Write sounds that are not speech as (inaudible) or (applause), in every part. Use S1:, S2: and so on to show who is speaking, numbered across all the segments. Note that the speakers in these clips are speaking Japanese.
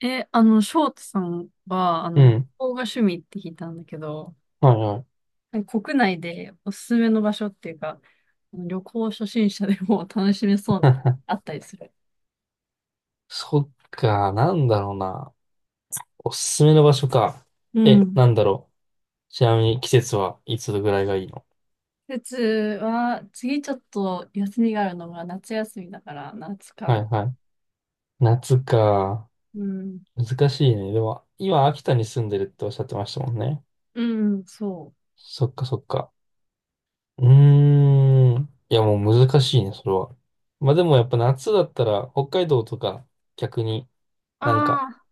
S1: え、あの、翔太さんは、
S2: う
S1: 旅
S2: ん。
S1: 行が趣味って聞いたんだけど、
S2: はいはい。
S1: 国内でおすすめの場所っていうか、旅行初心者でも楽しめそうな、あっ
S2: (laughs)
S1: たりする。
S2: そっか、なんだろうな。おすすめの場所か。
S1: う
S2: え、
S1: ん。
S2: なんだろう。ちなみに季節はいつぐらいがいいの？
S1: 季節は、次ちょっと休みがあるのが夏休みだから、夏か
S2: はい
S1: な。
S2: はい。夏か。
S1: うん。
S2: 難しいね。でも、今、秋田に住んでるっておっしゃってましたもんね。
S1: うん、そう。
S2: そっかそっか。うーん。いや、もう難しいね、それは。まあでもやっぱ夏だったら、北海道とか、逆に
S1: あ
S2: なんか、
S1: あ。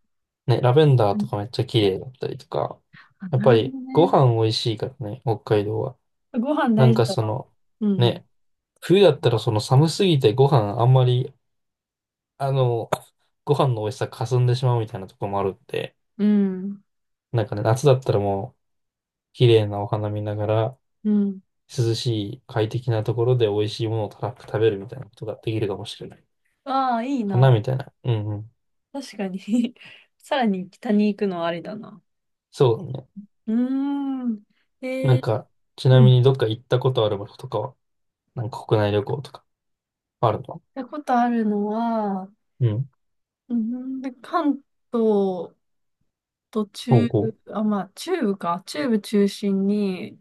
S2: ね、ラベンダー
S1: う
S2: とか
S1: ん
S2: めっちゃ綺麗だったりとか。
S1: あ、
S2: やっ
S1: な
S2: ぱ
S1: るほ
S2: り、
S1: ど
S2: ご
S1: ね。
S2: 飯美味しいからね、北海道は。
S1: ご飯
S2: な
S1: 大
S2: ん
S1: 事
S2: か
S1: だ
S2: そ
S1: わ。
S2: の、
S1: うん、
S2: ね、冬だったらその寒すぎてご飯あんまり、あの、ご飯の美味しさかすんでしまうみたいなところもあるって、
S1: うん。うん。
S2: なんかね、夏だったらもう、綺麗なお花見ながら、
S1: うん。
S2: 涼しい快適なところで美味しいものをたらふく食べるみたいなことができるかもしれない。
S1: ああ、いい
S2: かな
S1: な。
S2: みたいな。うんうん。
S1: 確かに (laughs) さらに北に行くのはありだな。
S2: そうだね。
S1: うーん。
S2: な
S1: え
S2: ん
S1: ー、
S2: か、ちな
S1: うん。
S2: み
S1: 行っ
S2: にどっか行ったことある場所とかは、なんか国内旅行とかあるの？
S1: たことあるのは、
S2: うん。
S1: うん、で、関東と
S2: お
S1: 中
S2: うおう。
S1: 部、あ、まあ、中部か。中部中心に、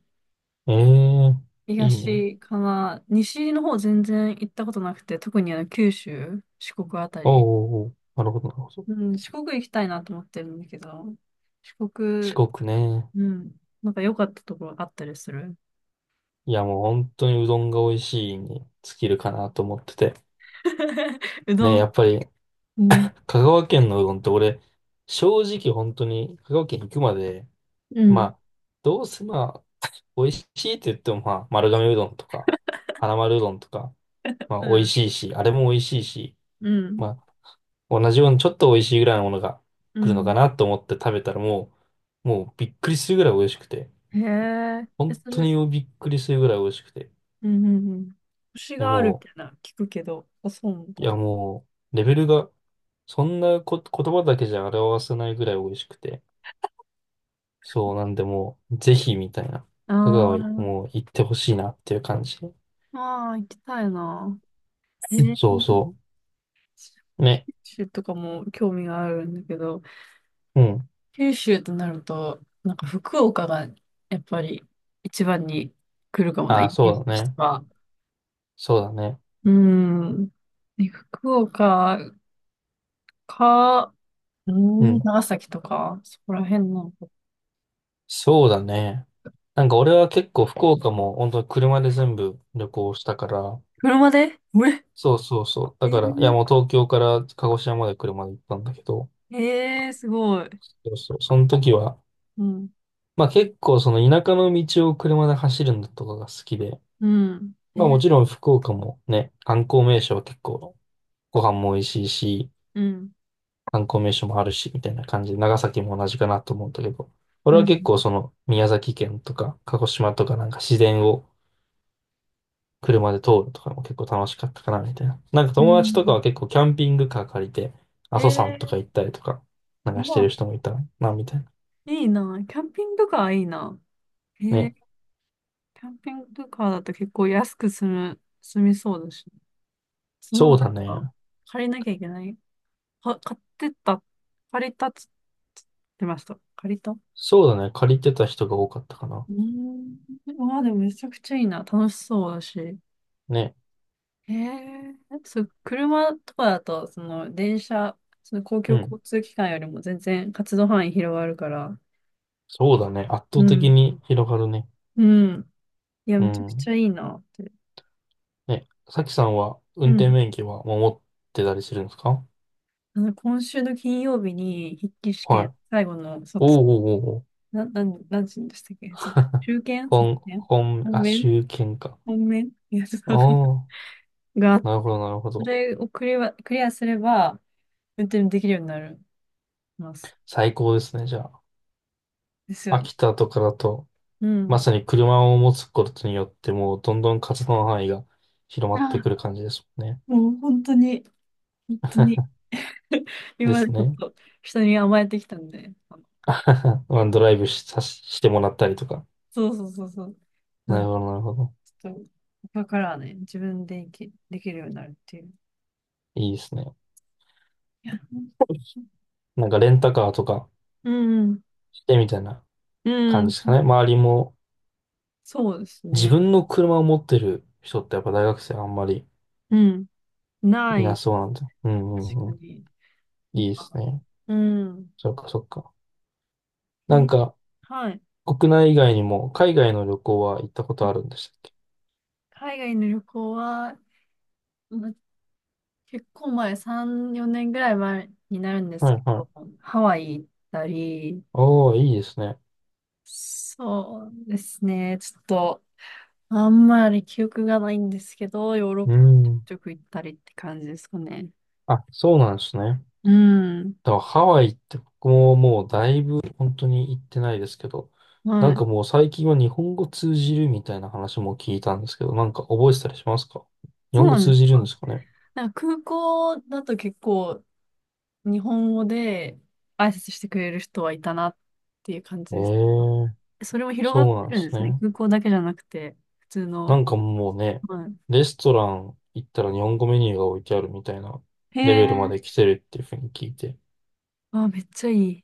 S2: ええ、いいね。
S1: 東かな。西の方全然行ったことなくて、特に九州、四国あた
S2: お
S1: り。
S2: うおうおう。なるほど、なるほど。
S1: うん、四国行きたいなと思ってるんだけど、四
S2: 四
S1: 国、
S2: 国ね。
S1: うん、なんか良かったところあったりする？
S2: いやもう本当にうどんが美味しいに尽きるかなと思ってて。
S1: (laughs) うど
S2: ね、や
S1: ん。
S2: っぱり
S1: うん。
S2: 香川県のうどんって俺、正直本当に香川県行くまで、
S1: う
S2: ま
S1: ん。
S2: あ、どうせまあ、美味しいって言ってもまあ、丸亀うどんとか、花丸うどんとか、まあ
S1: う
S2: 美味
S1: ん。
S2: しいし、あれも美味しいし、
S1: うん。
S2: まあ、同じようにちょっと美味しいぐらいのものが
S1: う
S2: 来るのか
S1: ん
S2: なと思って食べたらもう、もうびっくりするぐらい美味しくて、
S1: へえ。え、
S2: 本
S1: そ
S2: 当
S1: れ、
S2: にびっくりするぐらい美味しくて、
S1: うんうんうん。星
S2: いや
S1: があるみ
S2: も
S1: たい
S2: う、
S1: な、聞くけど、あ、そうなん
S2: い
S1: だ。
S2: や、もう、レベルが、そんなこ、言葉だけじゃ表せないぐらい美味しくて。そう、なんでもう、ぜひ、みたいな。香川に、
S1: あ
S2: もう、行ってほしいなっていう感じ。
S1: あ、ああ、行きたいな。えー、
S2: そうそう。ね。
S1: 九州とかも興味があるんだけど、
S2: うん。
S1: 九州となると、なんか福岡がやっぱり一番に来るかもな、
S2: あ
S1: イ
S2: あ、
S1: メージ
S2: そう
S1: とし
S2: だ
S1: て
S2: ね。
S1: は。
S2: そうだね。
S1: うん。で福岡か、う
S2: う
S1: ん、
S2: ん。
S1: 長崎とか、そこら辺なのか。
S2: そうだね。なんか俺は結構福岡も本当に車で全部旅行したから、
S1: 車でうえ
S2: そうそうそう。だから、いや
S1: え
S2: もう東京から鹿児島まで車で行ったんだけど、
S1: ー、すごい。
S2: そうそう。その時は、
S1: うん。
S2: まあ結構その田舎の道を車で走るのとかが好きで、
S1: うん。
S2: まあも
S1: え、
S2: ちろん福岡もね、観光名所は結構ご飯も美味しいし、
S1: うん。
S2: 観光名所もあるし、みたいな感じで、長崎も同じかなと思うんだけど、
S1: う
S2: 俺は
S1: ん。
S2: 結構その宮崎県とか鹿児島とかなんか自然を車で通るとかも結構楽しかったかな、みたいな。なんか
S1: う
S2: 友達とかは
S1: ん。
S2: 結構キャンピングカー借りて、阿
S1: へ
S2: 蘇山とか行っ
S1: え、
S2: たりとか、なん
S1: う
S2: かして
S1: わ、
S2: る人もいたな、みたいな。
S1: いいな。キャンピングカーいいな。へ
S2: ね。
S1: え、キャンピングカーだと結構安く済みそうだし。その、な
S2: そ
S1: ん
S2: うだね。
S1: か、借りなきゃいけない。は、買ってった、借りたっつつってました。借りたう
S2: そうだね。借りてた人が多かったかな。
S1: ーん。まあでもめちゃくちゃいいな。楽しそうだし。へ
S2: ね。
S1: え、そう、車とかだと、その、電車、その公
S2: う
S1: 共
S2: ん。
S1: 交通機関よりも全然活動範囲広がるから、
S2: そうだね。圧
S1: う
S2: 倒的
S1: ん。
S2: に広がるね。
S1: うん。いや、
S2: う
S1: めちゃくち
S2: ん。
S1: ゃいいなって。
S2: ね、さきさんは運
S1: う
S2: 転
S1: ん。
S2: 免許はもう持ってたりするんですか？
S1: 今週の金曜日に筆記試
S2: は
S1: 験、
S2: い。
S1: 最後の卒、
S2: おうおうおうおう。
S1: なんて言うんでしたっけ、卒、中
S2: (laughs)
S1: 堅卒検本
S2: あ、
S1: 面
S2: 州県か。
S1: 本面いや、ちょっ
S2: あ
S1: とわかんない
S2: あ、
S1: (laughs) が、
S2: なるほど、なるほ
S1: そ
S2: ど。
S1: れをクリアすれば、運転できるようになります。
S2: 最高ですね、じゃあ。
S1: ですよ。
S2: 秋田とかだと、
S1: う
S2: ま
S1: ん。
S2: さに車を持つことによって、もうどんどん活動の範囲が広まって
S1: あ
S2: くる感じですもんね。
S1: もう本当に、本当に、(laughs) 今
S2: で
S1: まで
S2: す
S1: ちょっ
S2: ね。
S1: と人に甘えてきたんで、
S2: (laughs) まあ
S1: え
S2: ドライブし、してもらったりとか。
S1: そうそうそうそう。
S2: なる
S1: ち
S2: ほど、なるほど。
S1: ょっと、だからね、自分でできるようになるっていう。
S2: いいですね。
S1: いや
S2: なんかレンタカーとか
S1: うん、
S2: てみたいな
S1: う
S2: 感
S1: ん、
S2: じですかね。周りも
S1: そうです
S2: 自
S1: ね。
S2: 分の車を持ってる人ってやっぱ大学生あんまり
S1: うん、な
S2: いな
S1: い、
S2: そうなんで。うんうんう
S1: 確か
S2: ん。
S1: に。な
S2: い
S1: ん
S2: いです
S1: か
S2: ね。
S1: うん、
S2: そっかそっか。なん
S1: い
S2: か、
S1: はい。
S2: 国内以外にも海外の旅行は行ったことあるんでしたっけ？
S1: 海外の旅行は、ま結構前、3、4年ぐらい前になるんで
S2: は
S1: すけ
S2: いは
S1: ど、
S2: い。
S1: ハワイ行ったり、
S2: おー、いいですね。
S1: そうですね、ちょっと、あんまり記憶がないんですけど、ヨーロッ
S2: う
S1: パちょく
S2: ん。
S1: ちょく行ったりって感じですかね。
S2: あ、そうなんですね。
S1: うん、
S2: だからハワイって僕ももうだいぶ本当に行ってないですけど、な
S1: は
S2: ん
S1: い。
S2: かもう最近は日本語通じるみたいな話も聞いたんですけど、なんか覚えてたりしますか？日
S1: そう
S2: 本語
S1: なん
S2: 通
S1: で
S2: じ
S1: す
S2: るん
S1: か？
S2: ですかね？
S1: なんか空港だと結構日本語で挨拶してくれる人はいたなっていう感
S2: え
S1: じです。
S2: え、
S1: それも広がっ
S2: そうなん
S1: て
S2: で
S1: るん
S2: す
S1: ですね。
S2: ね。
S1: 空港だけじゃなくて、普通
S2: な
S1: の。
S2: んかもうね、
S1: は
S2: レストラン行ったら日本語メニューが置いてあるみたいな
S1: い。へ
S2: レベルま
S1: え。
S2: で来てるっていうふうに聞いて、
S1: あ、めっちゃいい。い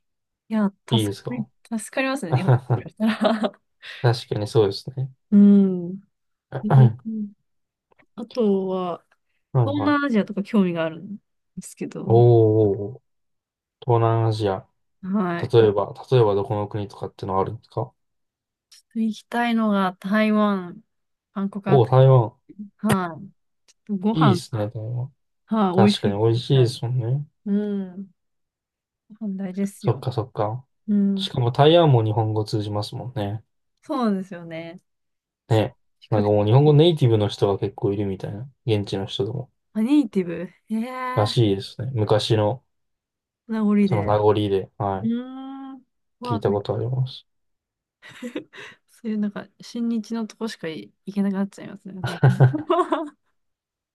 S1: や、
S2: いいですか？
S1: 助かります
S2: (laughs)
S1: ね、日本か
S2: 確
S1: らしたら。
S2: かにそうですね。
S1: (laughs) うん。
S2: (clears throat)
S1: え
S2: は
S1: あとは、
S2: い
S1: 東
S2: はい。
S1: 南アジアとか興味があるんですけ
S2: おー
S1: ど、
S2: おーおー、東南アジア。
S1: はい。
S2: 例えば、例えばどこの国とかってのはあるんですか？
S1: ちょっと行きたいのが台湾、韓国あ
S2: おお
S1: た
S2: ー、台湾。
S1: り。はい。ちょっとご
S2: いいで
S1: 飯
S2: すね、
S1: が。
S2: 台湾。
S1: はい、美味
S2: 確か
S1: しいっ
S2: に
S1: て
S2: 美味
S1: 言っ
S2: しい
S1: た
S2: で
S1: んで。
S2: すもんね。
S1: うん。ご飯大事です
S2: そっ
S1: よ。
S2: かそっか。
S1: うん。
S2: しかも台湾も日本語通じますもんね。
S1: そうなんですよね。
S2: ね。
S1: 比
S2: な
S1: 較
S2: ん
S1: 的。
S2: かもう日本語ネイティブの人が結構いるみたいな。現地の人でも。
S1: あ、ネイティブ。え
S2: ら
S1: え
S2: しいですね。昔の、
S1: 名残
S2: その
S1: で。
S2: 名残で、
S1: う
S2: は
S1: ーん。う
S2: い。聞い
S1: わ、
S2: た
S1: めっち
S2: ことあ
S1: ゃ
S2: ります。
S1: (laughs) そういうなんか、親日のとこしかい行けなくなっちゃいますね。なんか (laughs)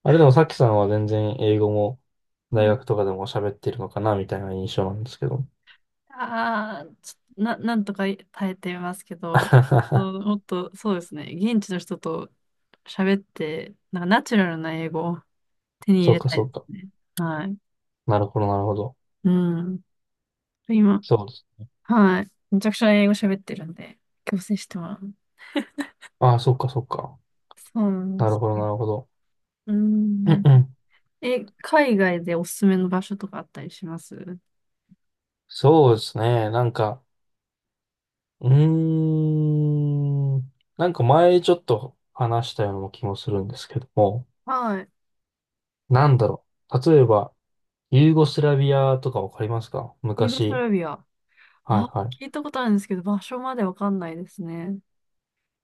S2: あれでもさっきさんは全然英語も
S1: う
S2: 大
S1: ん。
S2: 学とかでも喋ってるのかなみたいな印象なんですけど。
S1: ああ、ちょな、なんとか耐えてますけど、う
S2: (laughs)
S1: んもっと、そうですね。現地の人と喋って、なんかナチュラルな英語を手に入
S2: そう
S1: れ
S2: か、
S1: た
S2: そ
S1: いで
S2: うか。
S1: すね。はい。
S2: なるほど、なるほど。
S1: うん。今、
S2: そうです。
S1: はい。めちゃくちゃ英語喋ってるんで、強制してもらう。
S2: ああ、そうか、そうか。
S1: そうなん
S2: な
S1: で
S2: る
S1: す
S2: ほど、
S1: ね。
S2: なるほど。
S1: う
S2: うん
S1: ん。
S2: うん。
S1: え、海外でおすすめの場所とかあったりします？
S2: そうですね。なんか、うーん。なんか前ちょっと話したような気もするんですけども。
S1: はい。
S2: なんだろう。例えば、ユーゴスラビアとかわかりますか？
S1: ユーゴス
S2: 昔。
S1: ラビア。
S2: はい
S1: あ、
S2: は
S1: 聞い
S2: い。
S1: たことあるんですけど、場所までわかんないですね。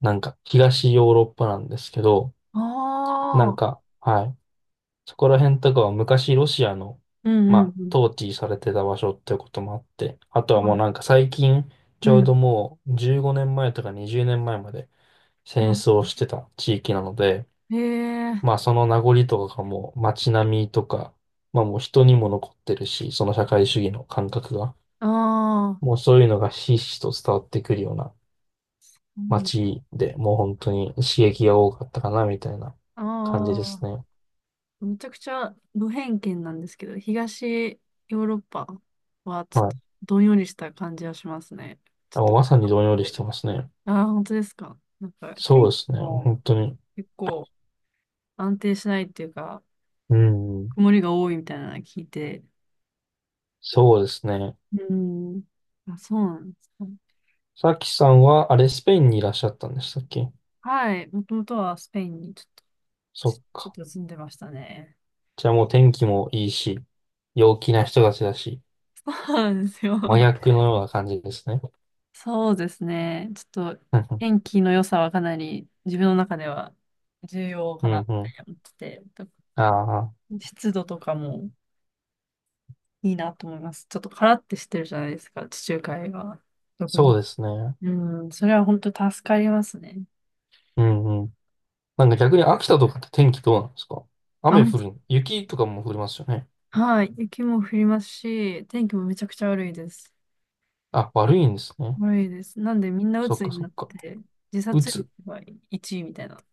S2: なんか、東ヨーロッパなんですけど、
S1: あ
S2: なん
S1: あ。
S2: か、はい。そこら辺とかは昔ロシアの、
S1: う
S2: ま
S1: んうん
S2: あ、
S1: うん。
S2: 統治されてた場所ってこともあって、あとは
S1: は
S2: もう
S1: い
S2: なんか最近、ち
S1: う
S2: ょうど
S1: ん。
S2: もう15年前とか20年前まで戦
S1: あ、
S2: 争してた地域なので、
S1: へえ。
S2: まあその名残とかがもう街並みとか、まあもう人にも残ってるし、その社会主義の感覚が。
S1: ああ。
S2: もうそういうのがひしひしと伝わってくるような
S1: うん。
S2: 街で、もう本当に刺激が多かったかな、みたいな
S1: あ
S2: 感じです
S1: あ。
S2: ね。
S1: めちゃくちゃ無偏見なんですけど、東ヨーロッパはちょっ
S2: は
S1: と
S2: い。
S1: どんよりした感じはしますね。ち
S2: あも
S1: ょ
S2: う
S1: っと、
S2: まさにどんより
S1: は
S2: し
S1: い
S2: てますね。
S1: ああ、本当ですか？なんか
S2: そう
S1: 天
S2: で
S1: 気
S2: すね。
S1: も
S2: 本当に。
S1: 結構安定しないっていうか、
S2: うん。
S1: 曇りが多いみたいなの聞いて、
S2: そうですね。
S1: うん、あ、そうなんですか？
S2: さきさんは、あれ、スペインにいらっしゃったんでしたっけ？
S1: はい、もともとはスペインに
S2: そっ
S1: ちょっ
S2: か。
S1: と住んでましたね。
S2: じゃあもう天気もいいし、陽気な人たちだし、
S1: そうなんですよ。
S2: 真逆のような感じですね。
S1: そうですね。ちょっと、
S2: うんうん。
S1: 天気の良さはかなり自分の中では重要
S2: う
S1: かなっ
S2: んう
S1: て
S2: ん、
S1: 思ってて、
S2: ああ、
S1: 湿度とかもいいなと思います。ちょっとカラッてしてるじゃないですか、地中海は。特
S2: そう
S1: に。
S2: ですね。
S1: うん、それは本当助かりますね。
S2: うんうん。なんか逆に秋田とかって天気どうなんですか？雨
S1: 雨、
S2: 降る、雪とかも降りますよね。
S1: はい、雪も降りますし、天気もめちゃくちゃ悪いです。
S2: あ、悪いんですね。
S1: 悪いです。なんでみんな
S2: そっ
S1: 鬱
S2: か
S1: に
S2: そ
S1: な
S2: っ
S1: っ
S2: か。
S1: て、自
S2: う
S1: 殺率
S2: つ。
S1: が1位みたいな。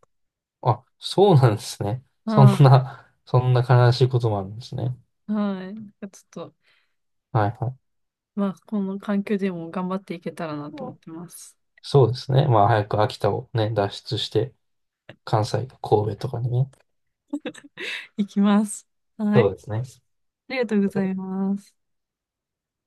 S2: あ、そうなんですね。そん
S1: あ
S2: な、そんな悲しいこともあるんですね。
S1: あ、はい。なんかちょっと
S2: はいはい。
S1: まあ、この環境でも頑張っていけたらなと思ってます。
S2: そうですね。まあ早く秋田をね、脱出して、関西、神戸とかにね。
S1: いきます。は
S2: そう
S1: い。
S2: ですね。
S1: ありがとうございます。